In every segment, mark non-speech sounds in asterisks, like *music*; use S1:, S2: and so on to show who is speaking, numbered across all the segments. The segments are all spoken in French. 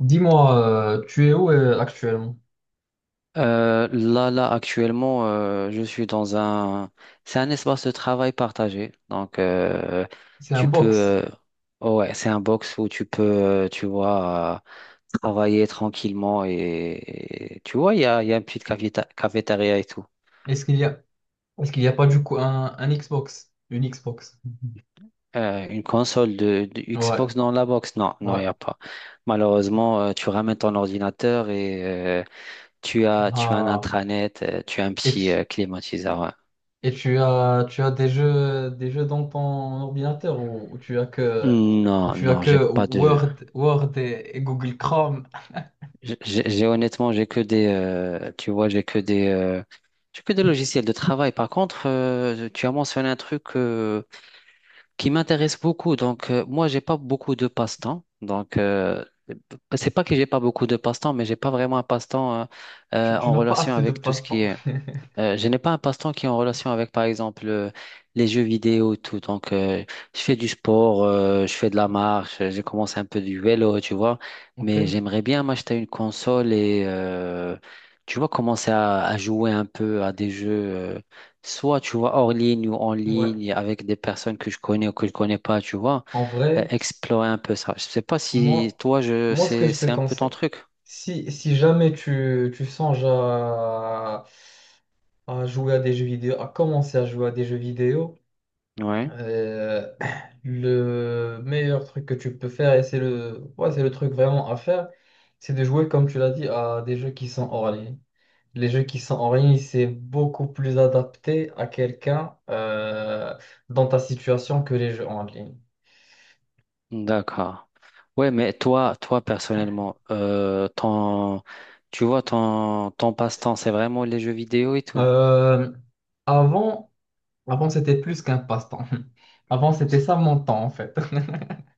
S1: Dis-moi, tu es où actuellement?
S2: Là, actuellement, je suis dans un... C'est un espace de travail partagé. Donc,
S1: C'est un
S2: tu peux...
S1: box.
S2: ouais, c'est un box où tu peux, tu vois, travailler tranquillement. Et tu vois, il y a une petite cafétéria et tout.
S1: Est-ce qu'il y a, est-ce qu'il n'y a pas du coup un Xbox? Une Xbox.
S2: Une console de
S1: Ouais,
S2: Xbox dans la box? Non, non, il
S1: ouais.
S2: n'y a pas. Malheureusement, tu ramènes ton ordinateur et euh, tu as un
S1: Ah.
S2: intranet, tu as un
S1: Et,
S2: petit
S1: tu,
S2: climatiseur. Ouais.
S1: tu as des des jeux dans ton ordinateur ou tu as que ou
S2: Non,
S1: tu as
S2: non,
S1: que
S2: j'ai pas de.
S1: Word et Google Chrome.
S2: J'ai Honnêtement, j'ai que des, tu vois, j'ai que des logiciels de travail. Par contre, tu as mentionné un truc qui m'intéresse beaucoup. Donc, moi, j'ai pas beaucoup de passe-temps. Donc, c'est pas que j'ai pas beaucoup de passe-temps, mais j'ai pas vraiment un passe-temps
S1: Tu
S2: en
S1: n'as pas
S2: relation
S1: assez de
S2: avec tout ce
S1: passe-temps.
S2: qui est
S1: *laughs*
S2: je n'ai pas un passe-temps qui est en relation avec, par exemple, les jeux vidéo et tout. Donc, je fais du sport, je fais de la marche, j'ai commencé un peu du vélo, tu vois.
S1: Ok,
S2: Mais j'aimerais bien m'acheter une console et, tu vois, commencer à jouer un peu à des jeux, soit, tu vois, hors ligne ou en
S1: ouais.
S2: ligne, avec des personnes que je connais ou que je connais pas, tu vois.
S1: En vrai,
S2: Explorer un peu ça. Je sais pas si
S1: moi,
S2: toi, je,
S1: moi, ce que je te
S2: c'est un peu ton
S1: conseille,
S2: truc.
S1: si jamais tu songes à jouer à des jeux vidéo, à commencer à jouer à des jeux vidéo,
S2: Ouais.
S1: euh, *clears throat* le meilleur truc que tu peux faire, et c'est c'est le truc vraiment à faire, c'est de jouer, comme tu l'as dit, à des jeux qui sont hors ligne. Les jeux qui sont hors ligne, c'est beaucoup plus adapté à quelqu'un dans ta situation que les jeux en ligne.
S2: D'accord. Ouais, mais toi, toi personnellement, ton, tu vois, ton, ton passe-temps, c'est vraiment les jeux vidéo et tout.
S1: Euh, avant, avant c'était plus qu'un passe-temps. *laughs* Avant, c'était ça mon temps, en fait.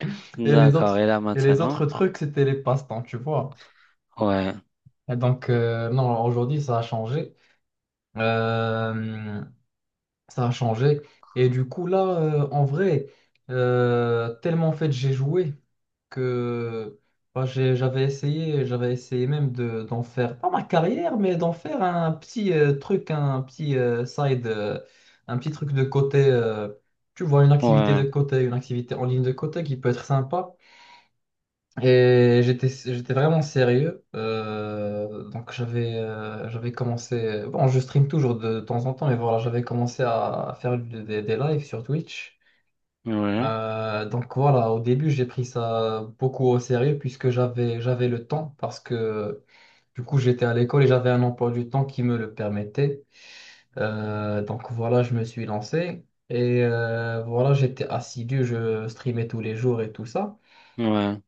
S1: *laughs* Et les
S2: D'accord.
S1: autres,
S2: Et là
S1: et les
S2: maintenant,
S1: autres trucs, c'était les passe-temps, tu vois.
S2: ouais,
S1: Et donc, non, aujourd'hui, ça a changé. Euh, ça a changé. Et du coup, là, en vrai, tellement en fait, j'ai joué que bah, j'avais j'avais essayé même d'en faire, pas ma carrière, mais d'en faire un petit truc, un petit side, un petit truc de côté. Tu vois, une activité de
S2: ouais,
S1: côté, une activité en ligne de côté qui peut être sympa. Et j'étais vraiment sérieux. Donc j'avais commencé. Bon, je stream toujours de temps en temps, mais voilà, j'avais commencé à faire des lives sur Twitch.
S2: ouais,
S1: Donc voilà, au début, j'ai pris ça beaucoup au sérieux puisque j'avais le temps parce que du coup, j'étais à l'école et j'avais un emploi du temps qui me le permettait. Donc voilà, je me suis lancé et voilà, j'étais assidu, je streamais tous les jours et tout ça.
S2: ouais.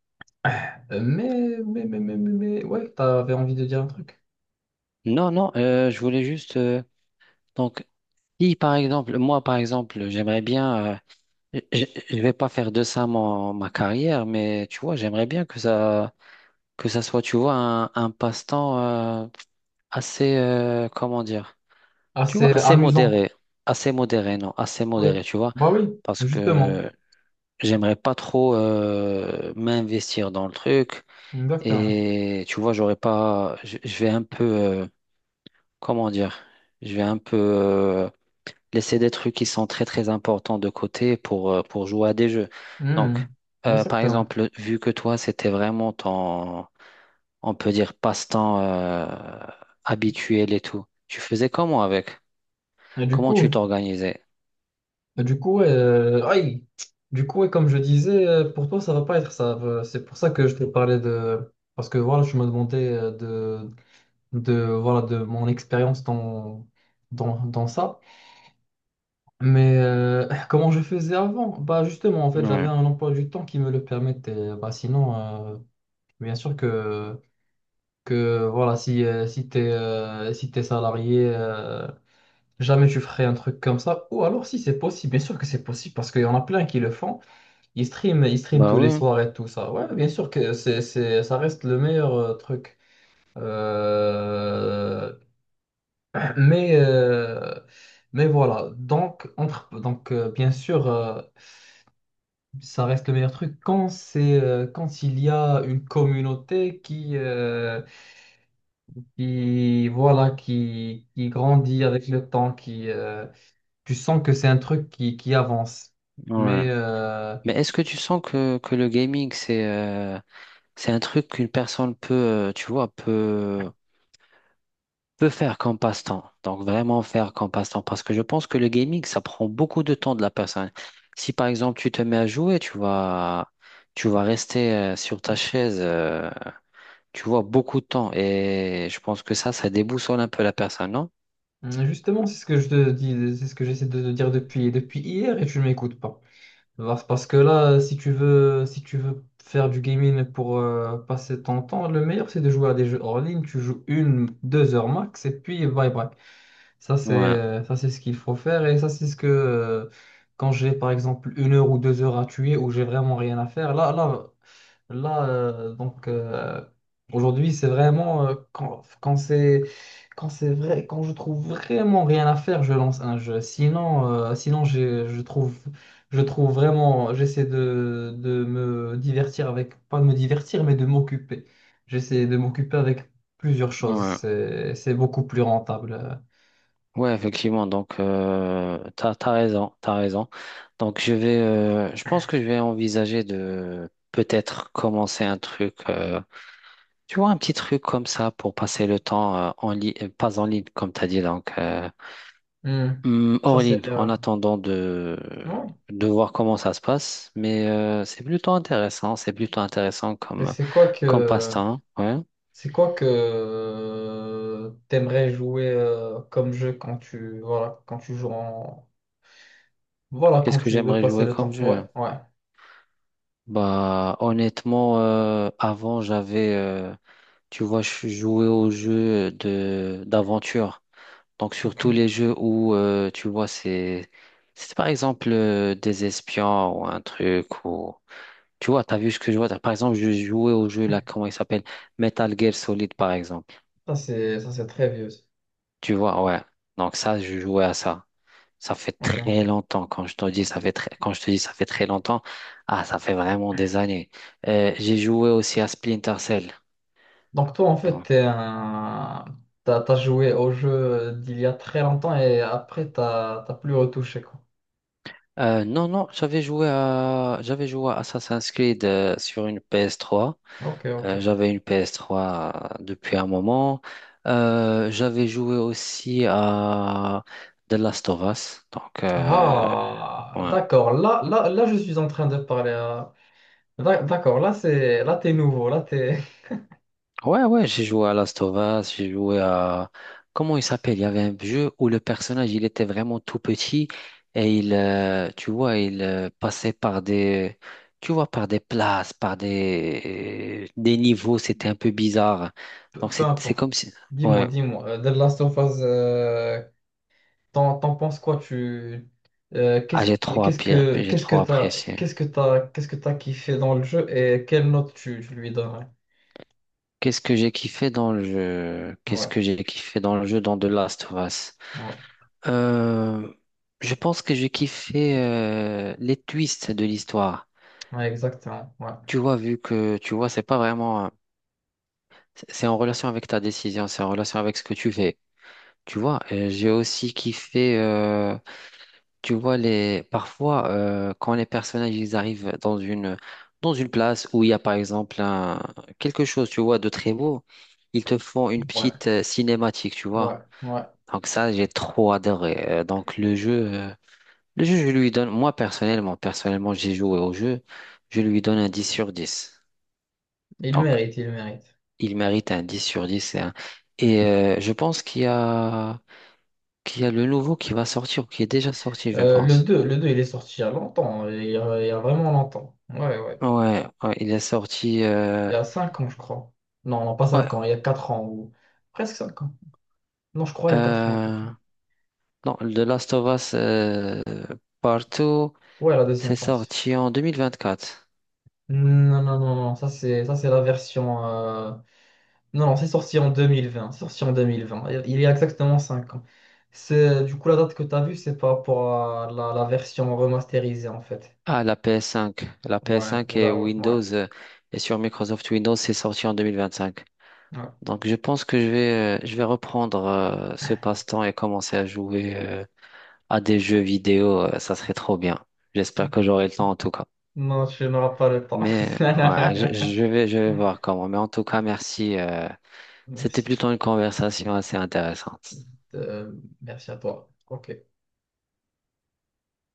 S1: Ouais, t'avais envie de dire un truc.
S2: Non, non. Je voulais juste. Donc, si par exemple, moi par exemple, j'aimerais bien. Je vais pas faire de ça mon, ma carrière, mais tu vois, j'aimerais bien que ça soit, tu vois, un passe-temps euh, assez, comment dire. Tu vois,
S1: Assez amusant.
S2: assez modéré, non, assez
S1: Ouais.
S2: modéré, tu vois,
S1: Bah oui,
S2: parce
S1: justement.
S2: que j'aimerais pas trop m'investir dans le truc
S1: Exactement.
S2: et tu vois, j'aurais pas, je vais un peu, comment dire, je vais un peu laisser des trucs qui sont très très importants de côté pour jouer à des jeux. Donc,
S1: Mhm.
S2: par
S1: Exactement.
S2: exemple, vu que toi, c'était vraiment ton, on peut dire passe-temps habituel et tout, tu faisais comment avec?
S1: Et du
S2: Comment
S1: coup,
S2: tu t'organisais?
S1: et du coup, ouais, aïe. Du coup, et comme je disais, pour toi, ça va pas être ça. C'est pour ça que je te parlais parce que voilà, je me demandais voilà, de mon expérience dans ça. Mais comment je faisais avant? Bah justement, en fait, j'avais
S2: Ouais.
S1: un emploi du temps qui me le permettait. Bah sinon. euh, Bien sûr que voilà, si t'es salarié, jamais tu ferais un truc comme ça. Ou alors si c'est possible, bien sûr que c'est possible parce qu'il y en a plein qui le font. Ils streament
S2: Bah
S1: tous les
S2: ouais,
S1: soirs et tout ça. Ouais, bien sûr que ça reste le meilleur truc. Euh, mais, euh, mais voilà, donc, entre, donc bien sûr, ça reste le meilleur truc quand quand il y a une communauté qui voilà qui grandit avec le temps qui tu sens que c'est un truc qui avance
S2: ouais.
S1: mais
S2: Mais est-ce que tu sens que le gaming, c'est un truc qu'une personne peut, tu vois, peut, peut faire comme passe-temps. Donc vraiment faire comme passe-temps. Parce que je pense que le gaming, ça prend beaucoup de temps de la personne. Si par exemple tu te mets à jouer, tu vas rester sur ta chaise, tu vois, beaucoup de temps. Et je pense que ça déboussole un peu la personne, non?
S1: justement c'est ce que je te dis c'est ce que j'essaie de te dire depuis hier et tu ne m'écoutes pas. Parce que là si tu veux faire du gaming pour passer ton temps le meilleur c'est de jouer à des jeux hors ligne, tu joues 1 2 heures max et puis bye bye.
S2: Ouais,
S1: Ça, c'est ce qu'il faut faire. Et ça, c'est ce que quand j'ai par exemple 1 heure ou 2 heures à tuer où j'ai vraiment rien à faire. Là, euh, donc euh, aujourd'hui, c'est vraiment quand c'est vrai, quand je trouve vraiment rien à faire, je lance un jeu. Sinon, je trouve vraiment j'essaie de me divertir avec pas de me divertir, mais de m'occuper. J'essaie de m'occuper avec plusieurs choses.
S2: ouais.
S1: C'est beaucoup plus rentable.
S2: Ouais, effectivement. Donc, t'as, t'as raison, t'as raison. Donc, je vais, je pense que je vais envisager de peut-être commencer un truc, tu vois, un petit truc comme ça pour passer le temps en ligne, pas en ligne, comme t'as dit, donc
S1: Hmm. Ça,
S2: hors ligne,
S1: c'est
S2: en attendant
S1: non.
S2: de voir comment ça se passe. Mais c'est plutôt intéressant
S1: Mais
S2: comme comme passe-temps. Ouais.
S1: c'est quoi que t'aimerais jouer comme jeu quand tu joues en voilà quand
S2: Qu'est-ce que
S1: tu veux
S2: j'aimerais
S1: passer
S2: jouer
S1: le
S2: comme
S1: temps. Ouais,
S2: jeu?
S1: ouais.
S2: Bah, honnêtement, avant j'avais tu vois, je suis joué aux jeux de d'aventure. Donc
S1: Ok.
S2: surtout les jeux où tu vois c'est par exemple des espions ou un truc ou tu vois, t'as vu ce que je vois. Par exemple, je jouais au jeu là, comment il s'appelle? Metal Gear Solid par exemple.
S1: Ça c'est très vieux. Ça.
S2: Tu vois, ouais. Donc ça, je jouais à ça. Ça fait très
S1: Ok.
S2: longtemps. Quand je te dis ça fait très longtemps, ah ça fait vraiment des années. J'ai joué aussi à Splinter Cell.
S1: Donc toi en fait
S2: Donc
S1: t'as, t'as joué au jeu d'il y a très longtemps et après t'as plus retouché quoi.
S2: euh, non, non, j'avais joué à Assassin's Creed sur une PS3.
S1: Ok, ok.
S2: J'avais une PS3 depuis un moment. J'avais joué aussi à The Last of Us. Donc,
S1: Ah,
S2: ouais.
S1: d'accord. Là, je suis en train de parler à d'accord, là t'es nouveau, là t'es
S2: Ouais, ouais, j'ai joué à Last of Us, j'ai joué à... Comment il s'appelle? Il y avait un jeu où le personnage, il était vraiment tout petit et il, tu vois, il passait par des... Tu vois, par des places, par des niveaux, c'était un peu bizarre.
S1: *laughs*
S2: Donc,
S1: peu
S2: c'est
S1: importe.
S2: comme si... Ouais,
S1: Dis-moi, The Last of Us, t'en penses quoi tu
S2: ah,
S1: qu'est-ce
S2: j'ai
S1: que-
S2: trop
S1: qu'est-ce
S2: apprécié,
S1: que
S2: j'ai
S1: qu'est-ce que
S2: trop
S1: t'as
S2: apprécié.
S1: qu'est-ce que t'as qu'est-ce que t'as kiffé dans le jeu et quelle note tu, tu lui donnerais?
S2: Qu'est-ce que j'ai kiffé dans le jeu? Qu'est-ce
S1: Ouais,
S2: que j'ai kiffé dans le jeu dans The Last of Us?
S1: ouais,
S2: Euh, je pense que j'ai kiffé les twists de l'histoire.
S1: ouais, exactement,
S2: Tu vois, vu que, tu vois, c'est pas vraiment, c'est en relation avec ta décision, c'est en relation avec ce que tu fais. Tu vois, j'ai aussi kiffé, tu vois, les, parfois, quand les personnages, ils arrivent dans une place où il y a, par exemple, un, quelque chose, tu vois, de très beau, ils te font une
S1: ouais,
S2: petite cinématique, tu vois.
S1: ouais.
S2: Donc ça, j'ai trop adoré. Donc le jeu, je lui donne, moi, personnellement, personnellement, j'ai joué au jeu, je lui donne un 10/10.
S1: Il
S2: Donc,
S1: mérite, il mérite.
S2: il mérite un 10/10 hein. Et je pense qu'il y a le nouveau qui va sortir, ou qui est déjà sorti, je pense.
S1: Le deux il est sorti il y a longtemps, hein, il y a vraiment longtemps. Ouais, ouais.
S2: Ouais, ouais, il est sorti.
S1: Il y a 5 ans, je crois. Non, non, pas
S2: Ouais,
S1: 5 ans, il y a 4 ans ou presque 5 ans. Non, je crois il y a 4 ans à peu près.
S2: euh, non, The Last of Us Partout,
S1: Ouais, la
S2: c'est
S1: deuxième passe.
S2: sorti en 2024.
S1: Non, non, non, non, ça c'est la version. Non, non, c'est sorti en 2020 c'est sorti en deux mille vingt, il y a exactement 5 ans. C'est du coup la date que tu as vue, c'est par rapport à la version remasterisée en fait.
S2: Ah, la PS5. La
S1: Ouais,
S2: PS5 et
S1: oula, oula, ouais.
S2: Windows, et sur Microsoft Windows, c'est sorti en 2025.
S1: Ouais.
S2: Donc, je pense que je vais reprendre ce passe-temps et commencer à jouer. À des jeux vidéo, ça serait trop bien. J'espère que j'aurai le temps en tout cas.
S1: Non, tu n'auras pas le temps.
S2: Mais ouais,
S1: *laughs*
S2: je vais voir comment. Mais en tout cas, merci. C'était
S1: Merci.
S2: plutôt une conversation assez intéressante.
S1: Euh, merci à toi. Ok.